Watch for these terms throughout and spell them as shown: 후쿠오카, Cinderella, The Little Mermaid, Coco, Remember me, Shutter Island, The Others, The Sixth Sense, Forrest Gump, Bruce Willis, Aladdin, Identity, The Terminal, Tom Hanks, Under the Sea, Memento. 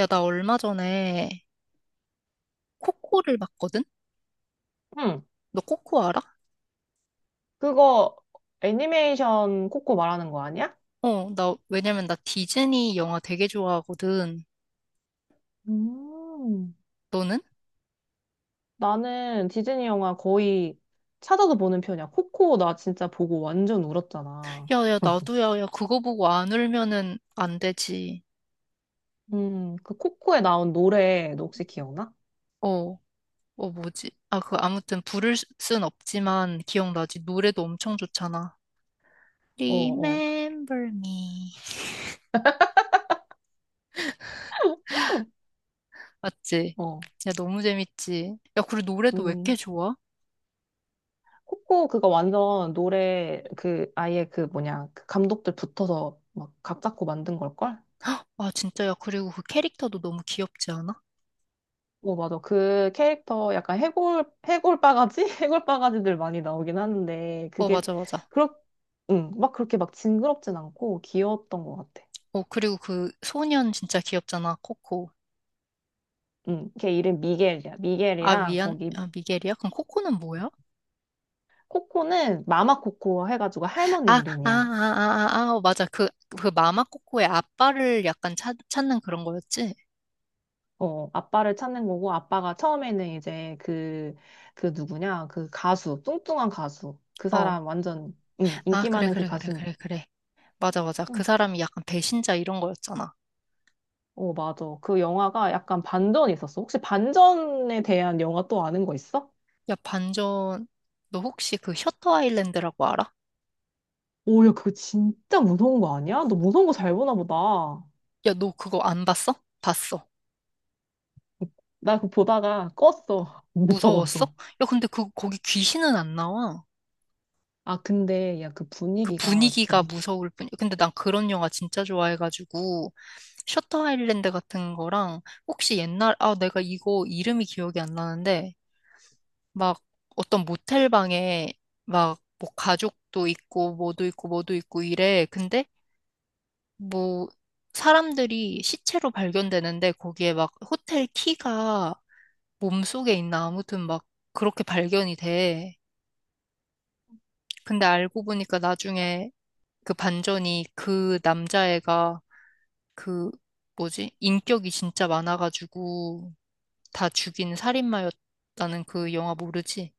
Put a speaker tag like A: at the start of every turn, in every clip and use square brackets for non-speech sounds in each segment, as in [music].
A: 야, 나 얼마 전에 코코를 봤거든?
B: 응,
A: 너 코코 알아?
B: 그거 애니메이션 코코 말하는 거 아니야?
A: 어, 나, 왜냐면 나 디즈니 영화 되게 좋아하거든.
B: 음.
A: 너는?
B: 나는 디즈니 영화 거의 찾아서 보는 편이야. 코코 나 진짜 보고 완전 울었잖아.
A: 야, 야, 나도 야, 야, 그거 보고 안 울면은 안 되지.
B: 그 코코에 나온 노래 너 혹시 기억나?
A: 어, 어, 뭐지? 아, 그, 아무튼 순 없지만 기억나지? 노래도 엄청 좋잖아.
B: 어, 어,
A: Remember me. 맞지?
B: 어.
A: 야, 너무 재밌지? 야, 그리고 노래도 왜 이렇게
B: 음.
A: 좋아?
B: 코코 그거 완전 노래 그 아예 그 뭐냐 그 감독들 붙어서 막 각 잡고 만든 걸걸?
A: 아, 진짜, 야, 그리고 그 캐릭터도 너무 귀엽지 않아?
B: 어, 맞아. 그 캐릭터 약간 해골 바가지? [laughs] 해골 바가지들 많이 나오긴 하는데,
A: 어,
B: 그게,
A: 맞아, 맞아.
B: 그렇, 응, 막 그렇게 막 징그럽진 않고 귀여웠던 것 같아.
A: 어, 그리고 그 소년 진짜 귀엽잖아, 코코.
B: 응, 걔 이름 미겔이야.
A: 아,
B: 미겔이랑
A: 미안,
B: 거기,
A: 아, 미겔이야? 그럼 코코는 뭐야?
B: 코코는 마마 코코 해가지고
A: 아,
B: 할머니
A: 아, 아,
B: 이름이야.
A: 아, 아, 아, 어, 맞아. 그, 그 마마 코코의 아빠를 약간 찾는 그런 거였지?
B: 어, 아빠를 찾는 거고, 아빠가 처음에는 이제 그, 그 누구냐, 그 가수, 뚱뚱한 가수. 그
A: 어.
B: 사람 완전, 응,
A: 아,
B: 인기
A: 그래,
B: 많은 그
A: 그래, 그래,
B: 가수.
A: 그래, 그래. 맞아, 맞아. 그 사람이 약간 배신자 이런 거였잖아.
B: 어, 맞아. 그 영화가 약간 반전이 있었어. 혹시 반전에 대한 영화 또 아는 거 있어?
A: 야, 반전, 너 혹시 그 셔터 아일랜드라고 알아?
B: 오, 야, 그거 진짜 무서운 거 아니야? 너 무서운 거 잘 보나 보다.
A: 야, 너 그거 안 봤어? 봤어.
B: 나 그거 보다가 껐어. [laughs]
A: 무서웠어?
B: 무서워서.
A: 야, 근데 그, 거기 귀신은 안 나와.
B: 아, 근데, 야, 그
A: 그
B: 분위기가 진짜
A: 분위기가 무서울 뿐이야. 근데 난 그런 영화 진짜 좋아해가지고. 셔터 아일랜드 같은 거랑 혹시 옛날 아 내가 이거 이름이 기억이 안 나는데 막 어떤 모텔 방에 막 뭐 가족도 있고 뭐도 있고 뭐도 있고 이래 근데 뭐 사람들이 시체로 발견되는데 거기에 막 호텔 키가 몸속에 있나 아무튼 막 그렇게 발견이 돼 근데 알고 보니까 나중에 그 반전이 그 남자애가 그 뭐지? 인격이 진짜 많아가지고 다 죽인 살인마였다는 그 영화 모르지?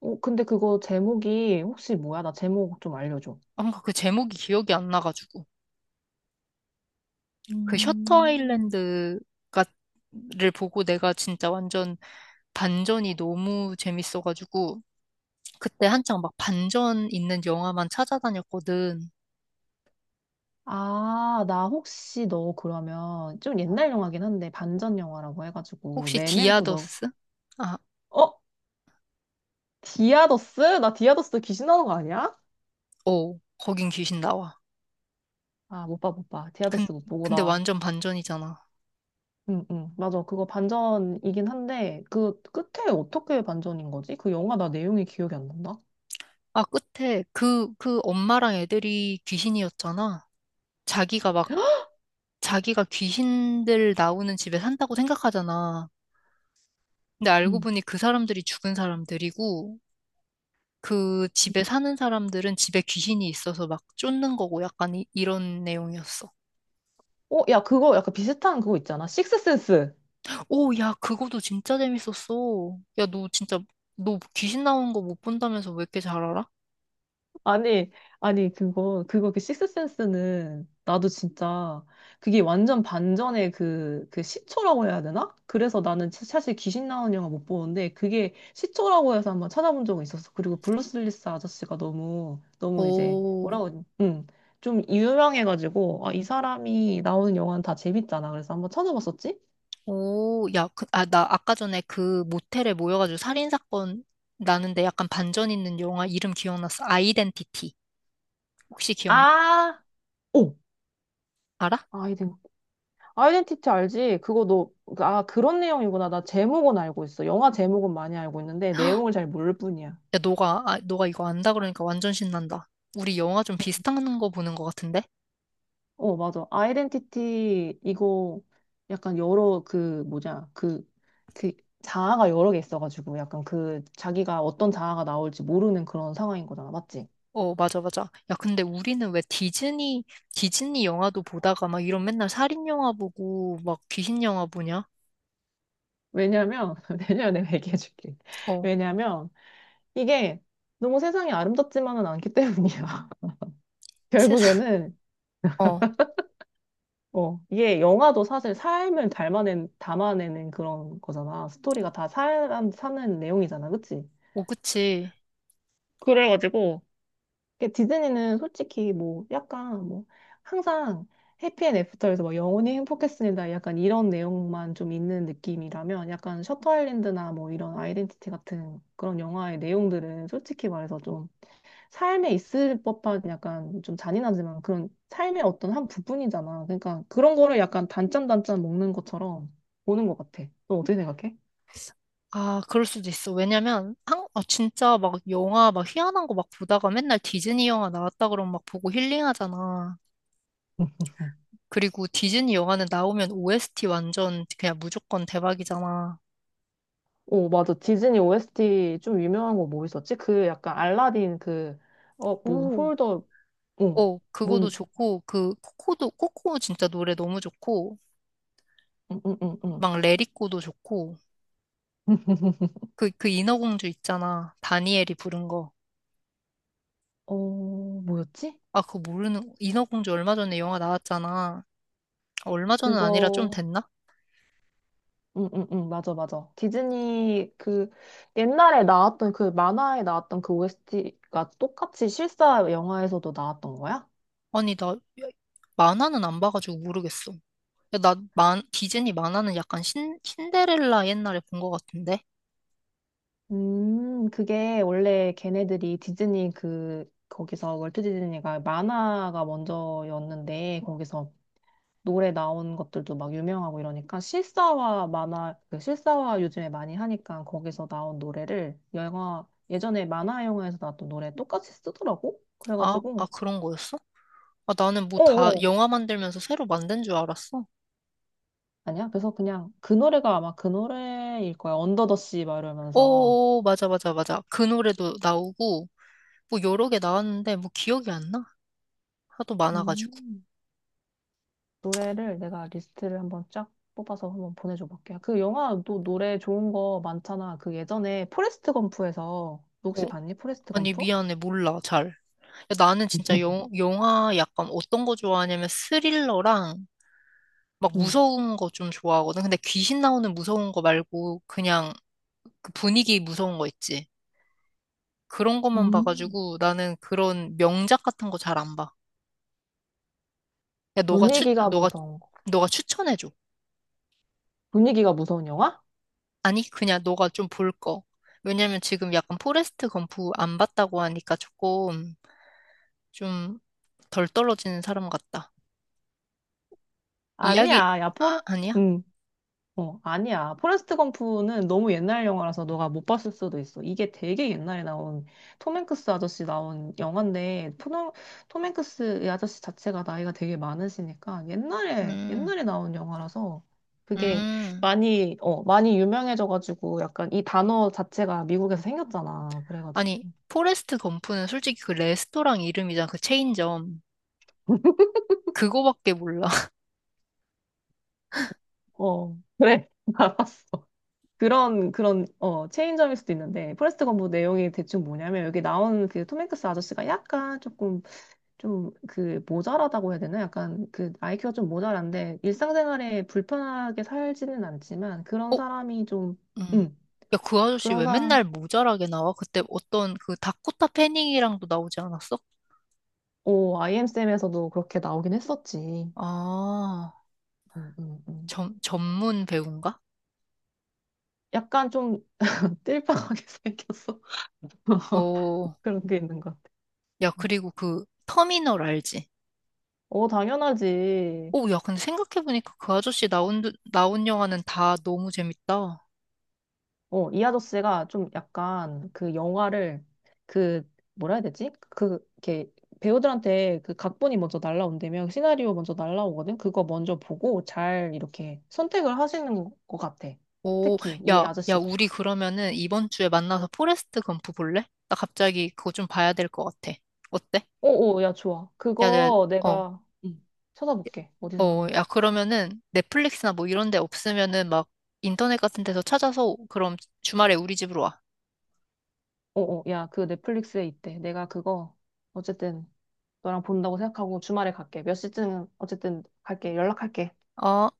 B: 근데 그거 제목이 혹시 뭐야? 나 제목 좀 알려줘.
A: 뭔가 그 제목이 기억이 안 나가지고 그 셔터
B: 음.
A: 아일랜드가 를 보고 내가 진짜 완전 반전이 너무 재밌어가지고 그때 한창 막 반전 있는 영화만 찾아다녔거든.
B: 아, 나 혹시 너 그러면 좀 옛날 영화긴 한데 반전 영화라고 해가지고
A: 혹시
B: 메멘토 너,
A: 디아더스? 아,
B: 어? 디아더스? 나 디아더스 귀신 나오는 거 아니야?
A: 어, 거긴 귀신 나와.
B: 아, 못 봐, 못 봐.
A: 근,
B: 디아더스 못 보고
A: 근데
B: 나.
A: 완전 반전이잖아.
B: 응, 응. 맞아. 그거 반전이긴 한데, 그 끝에 어떻게 반전인 거지? 그 영화 나 내용이 기억이 안 난다.
A: 아, 끝에 그, 그 엄마랑 애들이 귀신이었잖아. 자기가 막 자기가 귀신들 나오는 집에 산다고 생각하잖아. 근데 알고
B: 응.
A: 보니 그 사람들이 죽은 사람들이고 그 집에 사는 사람들은 집에 귀신이 있어서 막 쫓는 거고 약간 이런 내용이었어.
B: 어, 야, 그거 약간 비슷한 그거 있잖아. 식스센스.
A: 오, 야, 그거도 진짜 재밌었어. 야, 너 진짜 너 귀신 나오는 거 못 본다면서 왜 이렇게 잘 알아?
B: 아니, 아니, 그거 그 식스센스는 나도 진짜 그게 완전 반전의 그, 그 시초라고 해야 되나? 그래서 나는 사실 귀신 나오는 영화 못 보는데 그게 시초라고 해서 한번 찾아본 적은 있었어. 그리고 브루스 윌리스 아저씨가 너무, 너무 이제
A: 오,
B: 뭐라고, 해야 되지? 좀 유명해가지고 아, 이 사람이 나오는 영화는 다 재밌잖아. 그래서 한번 찾아봤었지?
A: 오, 야, 그, 아, 나 아까 전에 그 모텔에 모여가지고 살인사건 나는데 약간 반전 있는 영화 이름 기억났어. 아이덴티티. 혹시 기억,
B: 아, 오!
A: 알아?
B: 아이덴티티 알지? 그거 너, 아, 그런 내용이구나. 나 제목은 알고 있어. 영화 제목은 많이 알고 있는데 내용을 잘 모를 뿐이야.
A: 야, 너가, 아, 너가 이거 안다 그러니까 완전 신난다. 우리 영화 좀 비슷한 거 보는 것 같은데?
B: 어, 맞아. 아이덴티티 이거 약간 여러 그 뭐냐 그 자아가 여러 개 있어가지고 약간 그 자기가 어떤 자아가 나올지 모르는 그런 상황인 거잖아. 맞지?
A: 어, 맞아, 맞아. 야, 근데 우리는 왜 디즈니 영화도 보다가 막 이런 맨날 살인 영화 보고 막 귀신 영화 보냐?
B: 왜냐면 [laughs] 왜냐면 내가 얘기해줄게.
A: 어,
B: 왜냐면 이게 너무 세상이 아름답지만은 않기 때문이야. [laughs]
A: 세상, [laughs]
B: 결국에는
A: 어,
B: 어, 이게 영화도 사실 삶을 닮아낸, 담아내는 그런 거잖아. 스토리가 다 사람 사는 내용이잖아. 그치?
A: 어, 그치.
B: 그래가지고, 이게 디즈니는 솔직히 뭐 약간 뭐 항상 해피앤 애프터에서 막 영원히 행복했습니다. 약간 이런 내용만 좀 있는 느낌이라면 약간 셔터 아일랜드나 뭐 이런 아이덴티티 같은 그런 영화의 내용들은 솔직히 말해서 좀 삶에 있을 법한 약간 좀 잔인하지만 그런 삶의 어떤 한 부분이잖아. 그러니까 그런 거를 약간 단짠단짠 먹는 것처럼 보는 것 같아. 너 어떻게 생각해?
A: 아, 그럴 수도 있어. 왜냐면, 한, 아, 진짜 막 영화 막 희한한 거 막 보다가 맨날 디즈니 영화 나왔다 그러면 막 보고 힐링하잖아. 그리고 디즈니 영화는 나오면 OST 완전 그냥 무조건 대박이잖아.
B: 오, 맞아. 디즈니 OST 좀 유명한 거 뭐 있었지? 그 약간 알라딘 그, 뭐,
A: 오.
B: 홀더, 어,
A: 어, 그거도
B: 뭔,
A: 좋고, 그, 코코도, 코코 진짜 노래 너무 좋고,
B: 응, 응, 응, 응.
A: 막 레리코도 좋고, 그, 그 인어공주 있잖아. 다니엘이 부른 거.
B: 어, 뭐였지?
A: 아, 그거 모르는, 인어공주 얼마 전에 영화 나왔잖아. 얼마 전은 아니라 좀
B: 그거,
A: 됐나?
B: 응, 응, 응, 맞아, 맞아. 디즈니 그 옛날에 나왔던 그 만화에 나왔던 그 OST가 똑같이 실사 영화에서도 나왔던 거야?
A: 아니, 나, 만화는 안 봐가지고 모르겠어. 야, 나, 만, 디즈니 만화는 약간 신데렐라 옛날에 본 거 같은데?
B: 그게 원래 걔네들이 디즈니 그, 거기서 월트 디즈니가 만화가 먼저였는데, 거기서 노래 나온 것들도 막 유명하고 이러니까, 실사화 만화, 그 실사화 요즘에 많이 하니까 거기서 나온 노래를 영화, 예전에 만화 영화에서 나왔던 노래 똑같이 쓰더라고?
A: 아, 아,
B: 그래가지고,
A: 그런 거였어? 아, 나는 뭐 다
B: 어어,
A: 영화 만들면서 새로 만든 줄 알았어.
B: 아니야? 그래서 그냥 그 노래가 아마 그 노래일 거야. 언더 더 씨 막 이러면서.
A: 오, 맞아, 맞아, 맞아. 그 노래도 나오고, 뭐 여러 개 나왔는데 뭐 기억이 안 나? 하도 많아가지고.
B: 음. 노래를 내가 리스트를 한번 쫙 뽑아서 한번 보내줘 볼게. 그 영화도 노래 좋은 거 많잖아. 그 예전에 포레스트 검프에서 너
A: 어,
B: 혹시 봤니? 포레스트
A: 아니
B: 검프?
A: 미안해 몰라 잘. 야, 나는 진짜
B: [laughs]
A: 영화 약간 어떤 거 좋아하냐면 스릴러랑 막
B: 응.
A: 무서운 거 좀 좋아하거든. 근데 귀신 나오는 무서운 거 말고 그냥 그 분위기 무서운 거 있지. 그런 것만
B: 음.
A: 봐가지고 나는 그런 명작 같은 거 잘 안 봐. 야
B: 분위기가
A: 너가
B: 무서운 거.
A: 너가 추천해줘.
B: 분위기가 무서운 영화?
A: 아니 그냥 너가 좀 볼 거. 왜냐면 지금 약간 포레스트 검프 안 봤다고 하니까 조금 좀 덜 떨어지는 사람 같다. 이야기,
B: 아니야. 야
A: 아,
B: 포레.
A: 아니야?
B: 응. 어, 아니야. 포레스트 검프는 너무 옛날 영화라서 너가 못 봤을 수도 있어. 이게 되게 옛날에 나온 톰 행크스 아저씨 나온 영화인데 톰 행크스 이 아저씨 자체가 나이가 되게 많으시니까 옛날에
A: 음,
B: 옛날에 나온 영화라서 그게
A: 음.
B: 많이 유명해져가지고 약간 이 단어 자체가 미국에서 생겼잖아. 그래가지고
A: 아니, 포레스트 검프는 솔직히 그 레스토랑 이름이잖아, 그 체인점. 그거밖에 몰라. [laughs]
B: 어, 그래. [laughs] 알았어. 그런 체인점일 수도 있는데 포레스트 검프 내용이 대충 뭐냐면 여기 나온 그톰 행크스 아저씨가 약간 조금 좀 그 모자라다고 해야 되나? 약간 그 IQ가 좀 모자란데 일상생활에 불편하게 살지는 않지만 그런
A: 어?
B: 사람이 좀,
A: 음.
B: 음,
A: 야, 그 아저씨
B: 그런
A: 왜
B: 사,
A: 맨날 모자라게 나와? 그때 어떤 그 다코타 패닝이랑도 나오지 않았어?
B: 오, IM쌤에서도 그렇게 나오긴 했었지.
A: 아,
B: 음, 음, 음.
A: 전문 배우인가?
B: 약간 좀 [laughs] 띨빵하게 생겼어. [laughs]
A: 어,
B: 그런 게 있는 것 같아.
A: 야,
B: 응.
A: 그리고 그 터미널 알지?
B: 어, 당연하지.
A: 오, 야, 근데 생각해보니까 그 아저씨 나온 영화는 다 너무 재밌다.
B: 어, 이 아저씨가 좀 약간 그 영화를 그 뭐라 해야 되지? 그 이렇게 배우들한테 그 각본이 먼저 날라온다면 시나리오 먼저 날라오거든. 그거 먼저 보고 잘 이렇게 선택을 하시는 것 같아.
A: 오,
B: 특히 이
A: 야, 야,
B: 아저씨가.
A: 우리 그러면은 이번 주에 만나서 포레스트 검프 볼래? 나 갑자기 그거 좀 봐야 될 것 같아. 어때?
B: 오오 야, 좋아.
A: 야, 야,
B: 그거
A: 어,
B: 내가 응, 찾아볼게. 어디서
A: 어, 야,
B: 하는지.
A: 그러면은 넷플릭스나 뭐 이런 데 없으면은 막 인터넷 같은 데서 찾아서 그럼 주말에 우리 집으로 와.
B: 오오 야, 그 넷플릭스에 있대. 내가 그거 어쨌든 너랑 본다고 생각하고 주말에 갈게. 몇 시쯤 어쨌든 갈게. 연락할게.
A: 어.